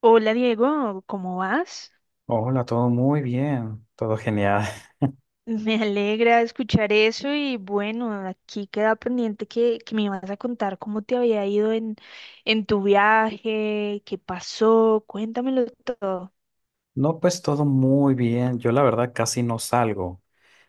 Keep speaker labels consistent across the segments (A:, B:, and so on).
A: Hola Diego, ¿cómo vas?
B: Hola, todo muy bien, todo genial.
A: Me alegra escuchar eso y bueno, aquí queda pendiente que me ibas a contar cómo te había ido en tu viaje, qué pasó, cuéntamelo todo.
B: No, pues todo muy bien. Yo la verdad casi no salgo.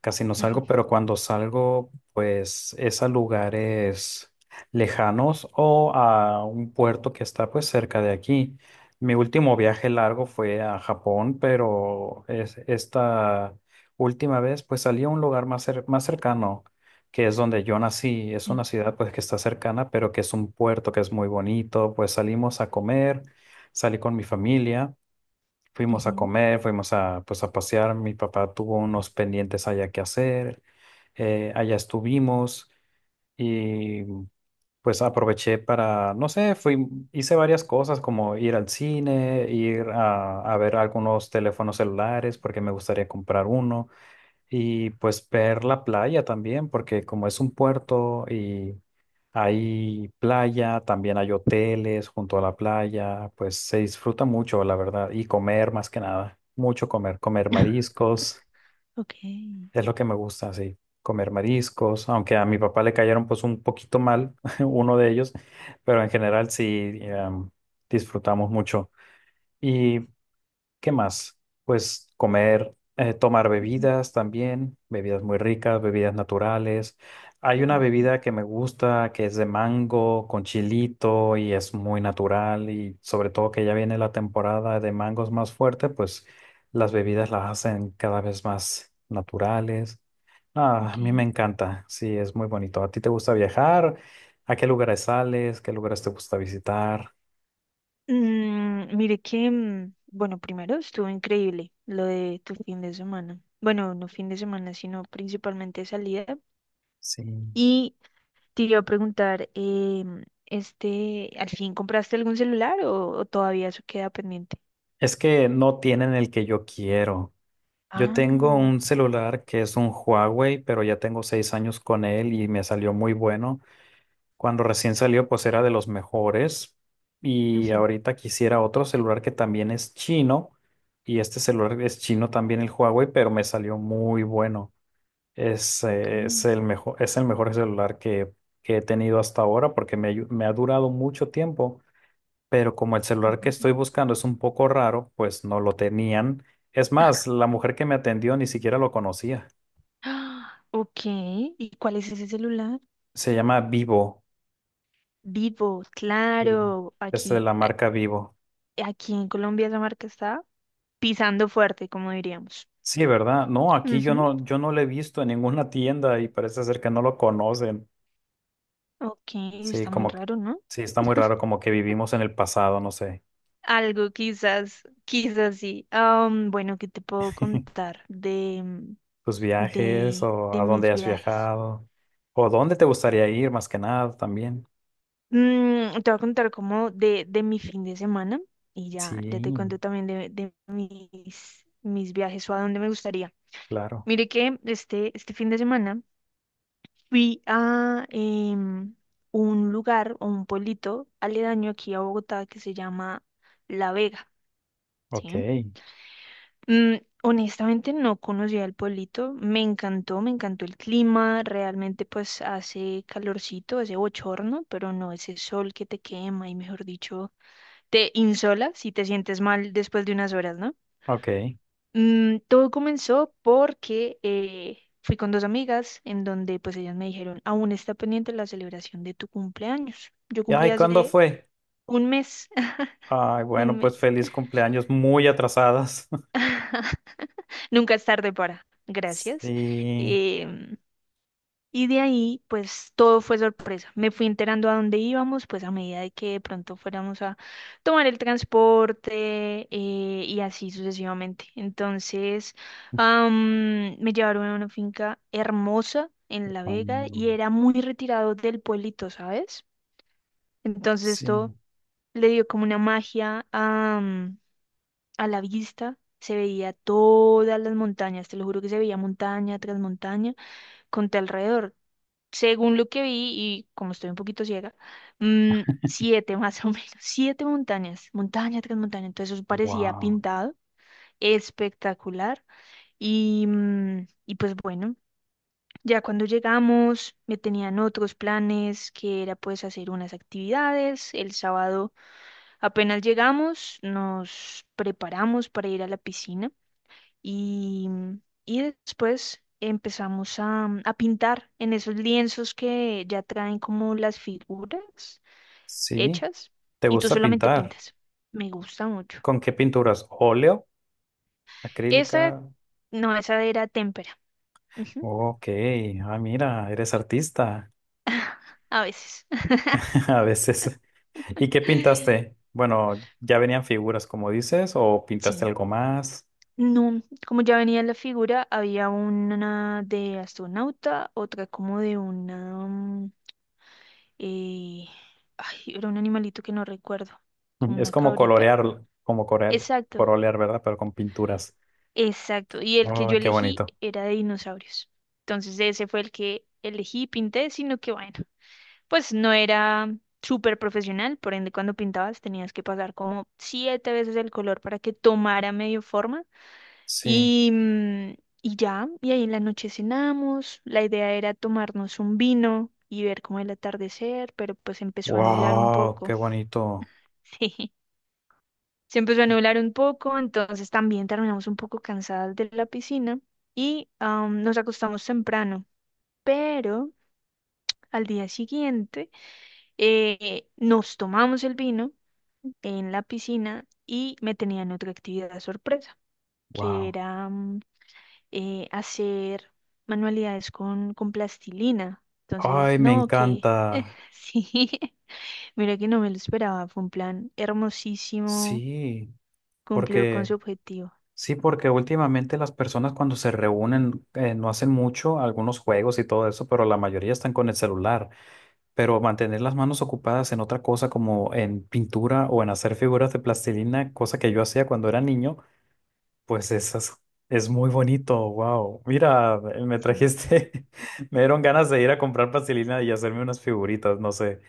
B: Casi no
A: Ujú.
B: salgo, pero cuando salgo, pues es a lugares lejanos o a un puerto que está pues cerca de aquí. Mi último viaje largo fue a Japón, pero esta última vez pues salí a un lugar más cercano, que es donde yo nací. Es
A: eh,
B: una ciudad pues que está cercana, pero que es un puerto que es muy bonito. Pues salimos a comer, salí con mi familia. Fuimos a
A: Ujú.
B: comer, fuimos pues, a pasear. Mi papá tuvo unos pendientes allá que hacer. Allá estuvimos y pues aproveché para, no sé, hice varias cosas como ir al cine, ir a ver algunos teléfonos celulares porque me gustaría comprar uno. Y pues ver la playa también, porque como es un puerto y hay playa, también hay hoteles junto a la playa, pues se disfruta mucho, la verdad. Y comer más que nada, mucho comer, comer mariscos,
A: Ok.
B: es lo que me gusta, sí, comer mariscos, aunque a mi papá le cayeron pues un poquito mal, uno de ellos, pero en general sí, disfrutamos mucho. Y ¿qué más? Pues comer, tomar
A: Ujú.
B: bebidas también, bebidas muy ricas, bebidas naturales. Hay una
A: Ujú.
B: bebida que me gusta que es de mango con chilito y es muy natural, y sobre todo que ya viene la temporada de mangos más fuerte, pues las bebidas las hacen cada vez más naturales. Ah, a
A: Ok.
B: mí me encanta, sí, es muy bonito. ¿A ti te gusta viajar? ¿A qué lugares sales? ¿Qué lugares te gusta visitar?
A: Mire que, bueno, primero estuvo increíble lo de tu fin de semana. Bueno, no fin de semana, sino principalmente salida.
B: Sí.
A: Y te iba a preguntar, ¿al fin compraste algún celular o todavía eso queda pendiente?
B: Es que no tienen el que yo quiero. Yo tengo
A: Ah.
B: un celular que es un Huawei, pero ya tengo 6 años con él y me salió muy bueno. Cuando recién salió, pues era de los mejores. Y
A: Ujú.
B: ahorita quisiera otro celular que también es chino. Y este celular es chino también, el Huawei, pero me salió muy bueno. Es,
A: Ok.
B: eh, es el mejor, es el mejor celular que he tenido hasta ahora, porque me ha durado mucho tiempo, pero como el celular que
A: Ujú.
B: estoy buscando es un poco raro, pues no lo tenían. Es más, la mujer que me atendió ni siquiera lo conocía.
A: Ah, ok, ¿y cuál es ese celular?
B: Se llama Vivo.
A: Vivo,
B: Sí,
A: claro,
B: es de
A: aquí,
B: la marca Vivo.
A: aquí en Colombia esa marca está pisando fuerte, como diríamos.
B: Sí, ¿verdad? No, aquí yo
A: Ujú.
B: no, yo no lo he visto en ninguna tienda, y parece ser que no lo conocen.
A: Ok.
B: Sí,
A: Está muy
B: como que,
A: raro, ¿no?
B: sí, está muy raro, como que vivimos en el pasado, no sé.
A: Algo quizás, quizás sí. Bueno, ¿qué te puedo contar de,
B: Tus viajes
A: de,
B: o
A: de
B: a
A: mis
B: dónde has
A: viajes?
B: viajado o dónde te gustaría ir más que nada también.
A: Te voy a contar como de mi fin de semana y ya, ya te
B: Sí,
A: cuento también de mis viajes o a dónde me gustaría.
B: claro.
A: Mire que este fin de semana fui a, un lugar o un pueblito aledaño aquí a Bogotá que se llama La Vega,
B: Ok.
A: ¿sí? Mm, honestamente no conocía el pueblito, me encantó el clima, realmente pues hace calorcito, hace bochorno, pero no ese sol que te quema y mejor dicho te insola si te sientes mal después de unas horas, ¿no?
B: Ok.
A: Todo comenzó porque fui con dos amigas en donde pues ellas me dijeron, aún está pendiente la celebración de tu cumpleaños. Yo
B: Y
A: cumplí
B: ay, ¿cuándo
A: hace
B: fue?
A: un mes,
B: Ay,
A: un
B: bueno, pues
A: mes.
B: feliz cumpleaños, muy atrasadas.
A: Nunca es tarde para, gracias.
B: Sí.
A: Em, Y de ahí, pues todo fue sorpresa. Me fui enterando a dónde íbamos, pues a medida de que de pronto fuéramos a tomar el transporte, y así sucesivamente. Entonces, me llevaron a una finca hermosa en La Vega
B: Cuando-
A: y era muy retirado del pueblito, ¿sabes? Entonces
B: Sí
A: esto le dio como una magia a la vista. Se veía todas las montañas, te lo juro que se veía montaña tras montaña con tu alrededor. Según lo que vi, y como estoy un poquito ciega, siete más o menos, siete montañas, montaña tras montaña, entonces eso parecía
B: wow,
A: pintado, espectacular, y pues bueno, ya cuando llegamos me tenían otros planes, que era pues hacer unas actividades. El sábado apenas llegamos, nos preparamos para ir a la piscina, y, y después empezamos a pintar en esos lienzos que ya traen como las figuras
B: sí,
A: hechas
B: ¿te
A: y tú
B: gusta
A: solamente
B: pintar?
A: pintas. Me gusta mucho.
B: ¿Con qué pinturas? ¿Óleo?
A: Esa,
B: ¿Acrílica?
A: no, esa era témpera. Ujú.
B: Ok, ah, mira, eres artista.
A: A veces.
B: A veces. ¿Y qué pintaste? Bueno, ¿ya venían figuras, como dices, o pintaste
A: Sí.
B: algo más?
A: No, como ya venía la figura, había una de astronauta, otra como de una... mm, eh, ay, era un animalito que no recuerdo, como
B: Es
A: una
B: como
A: cabrita.
B: colorear,
A: Exacto,
B: colorear, ¿verdad? Pero con pinturas.
A: exacto, y el que
B: Oh,
A: yo
B: qué
A: elegí
B: bonito.
A: era de dinosaurios. Entonces ese fue el que elegí y pinté, sino que bueno, pues no era súper profesional, por ende cuando pintabas tenías que pasar como siete veces el color para que tomara medio forma
B: Sí.
A: y, mm, y ya, y ahí en la noche cenamos, la idea era tomarnos un vino y ver como el atardecer, pero pues empezó a nublar un
B: Wow,
A: poco.
B: qué bonito.
A: Se empezó a nublar un poco, entonces también terminamos un poco cansadas de la piscina y, nos acostamos temprano. Pero al día siguiente, nos tomamos el vino en la piscina y me tenían otra actividad sorpresa, que
B: Wow.
A: era hacer manualidades con plastilina.
B: Ay,
A: Entonces,
B: me
A: no, que
B: encanta.
A: sí, mira que no me lo esperaba, fue un plan hermosísimo,
B: Sí,
A: cumplió con
B: porque
A: su objetivo.
B: últimamente las personas cuando se reúnen, no hacen mucho, algunos juegos y todo eso, pero la mayoría están con el celular. Pero mantener las manos ocupadas en otra cosa, como en pintura o en hacer figuras de plastilina, cosa que yo hacía cuando era niño, pues esas es muy bonito. Wow. Mira, me
A: Sí.
B: trajiste, me dieron ganas de ir a comprar plastilina y hacerme unas figuritas, no sé.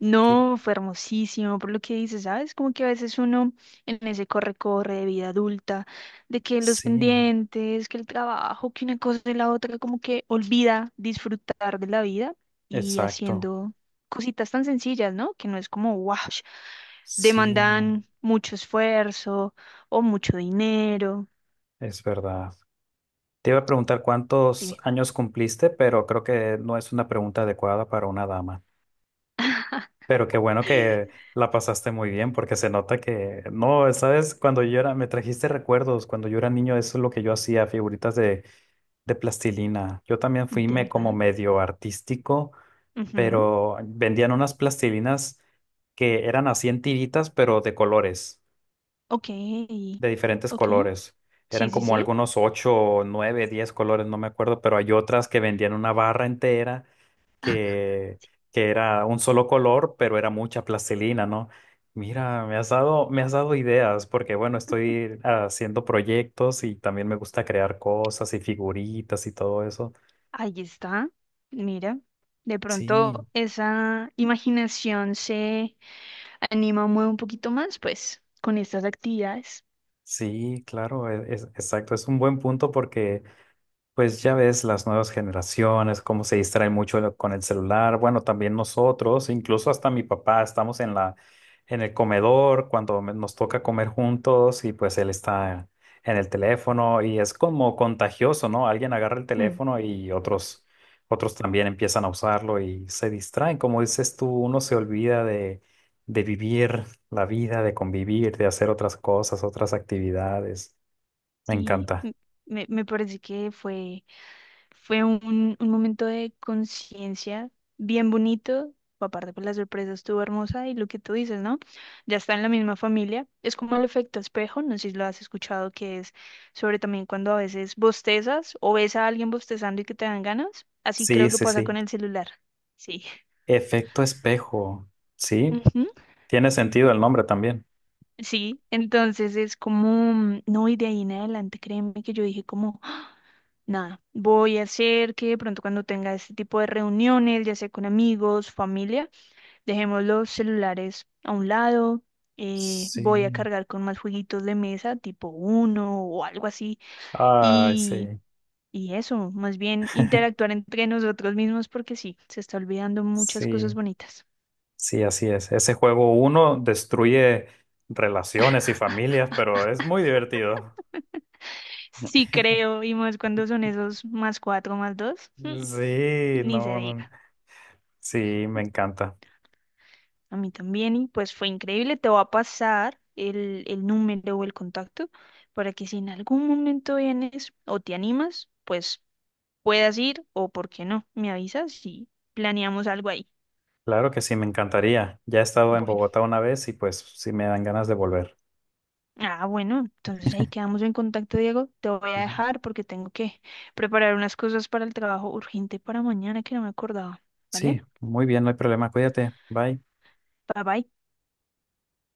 A: No, fue hermosísimo, por lo que dices, ¿sabes? Como que a veces uno, en ese corre-corre de vida adulta, de que los
B: Sí,
A: pendientes, que el trabajo, que una cosa y la otra, como que olvida disfrutar de la vida y
B: exacto.
A: haciendo cositas tan sencillas, ¿no? Que no es como, wow,
B: Sí,
A: demandan mucho esfuerzo o mucho dinero.
B: es verdad. Te iba a preguntar cuántos
A: Dime.
B: años cumpliste, pero creo que no es una pregunta adecuada para una dama. Pero qué bueno que la pasaste muy bien, porque se nota que, no, sabes, cuando yo era, me trajiste recuerdos, cuando yo era niño, eso es lo que yo hacía, figuritas de plastilina. Yo también fui,
A: ¿De
B: me, como
A: verdad?
B: medio artístico,
A: Ujú.
B: pero vendían unas plastilinas que eran así en tiritas, pero de colores.
A: Ok.
B: De diferentes
A: Ok.
B: colores.
A: Sí,
B: Eran
A: sí,
B: como
A: sí.
B: algunos ocho, nueve, diez colores, no me acuerdo, pero hay otras que vendían una barra entera que, que era un solo color, pero era mucha plastilina, ¿no? Mira, me has dado ideas porque, bueno, estoy haciendo proyectos y también me gusta crear cosas y figuritas y todo eso.
A: Ahí está, mira, de
B: Sí,
A: pronto esa imaginación se anima, mueve un poquito más, pues, con estas actividades.
B: sí, claro, es, exacto. Es un buen punto porque pues ya ves las nuevas generaciones, cómo se distraen mucho con el celular. Bueno, también nosotros, incluso hasta mi papá, estamos en el comedor cuando nos toca comer juntos, y pues él está en el teléfono y es como contagioso, ¿no? Alguien agarra el
A: Mm,
B: teléfono y otros también empiezan a usarlo y se distraen. Como dices tú, uno se olvida de vivir la vida, de convivir, de hacer otras cosas, otras actividades. Me
A: sí,
B: encanta.
A: me parece que fue un momento de conciencia bien bonito. Aparte, pues la sorpresa estuvo hermosa y lo que tú dices, ¿no? Ya está en la misma familia. Es como el efecto espejo, no sé si lo has escuchado, que es sobre también cuando a veces bostezas o ves a alguien bostezando y que te dan ganas. Así creo
B: Sí,
A: que
B: sí,
A: pasa con
B: sí.
A: el celular. Sí.
B: Efecto espejo. Sí,
A: Ujú.
B: tiene sentido el nombre también.
A: Sí, entonces es como, no, y de ahí en adelante, créeme que yo dije como, ¡ah! Nada, voy a hacer que de pronto cuando tenga este tipo de reuniones, ya sea con amigos, familia, dejemos los celulares a un lado. Voy a
B: Sí.
A: cargar con más jueguitos de mesa, tipo uno o algo así.
B: Ay, sí,
A: Y, y eso, más bien interactuar entre nosotros mismos porque sí, se está olvidando muchas cosas
B: sí,
A: bonitas.
B: sí, así es. Ese juego uno destruye relaciones y familias, pero es muy divertido.
A: Sí creo, y más cuando son esos más cuatro, más dos,
B: Sí,
A: ni se
B: no, no. No.
A: diga.
B: Sí, me encanta.
A: A mí también, y pues fue increíble. Te voy a pasar el número o el contacto para que si en algún momento vienes o te animas, pues puedas ir o por qué no, me avisas y planeamos algo ahí.
B: Claro que sí, me encantaría. Ya he estado en
A: Bueno,
B: Bogotá una vez y pues sí me dan ganas de volver.
A: bueno, entonces ahí quedamos en contacto, Diego. Te voy a
B: Ujú.
A: dejar porque tengo que preparar unas cosas para el trabajo urgente para mañana que no me acordaba. ¿Vale?
B: Sí, muy bien, no hay problema. Cuídate. Bye.
A: Bye bye.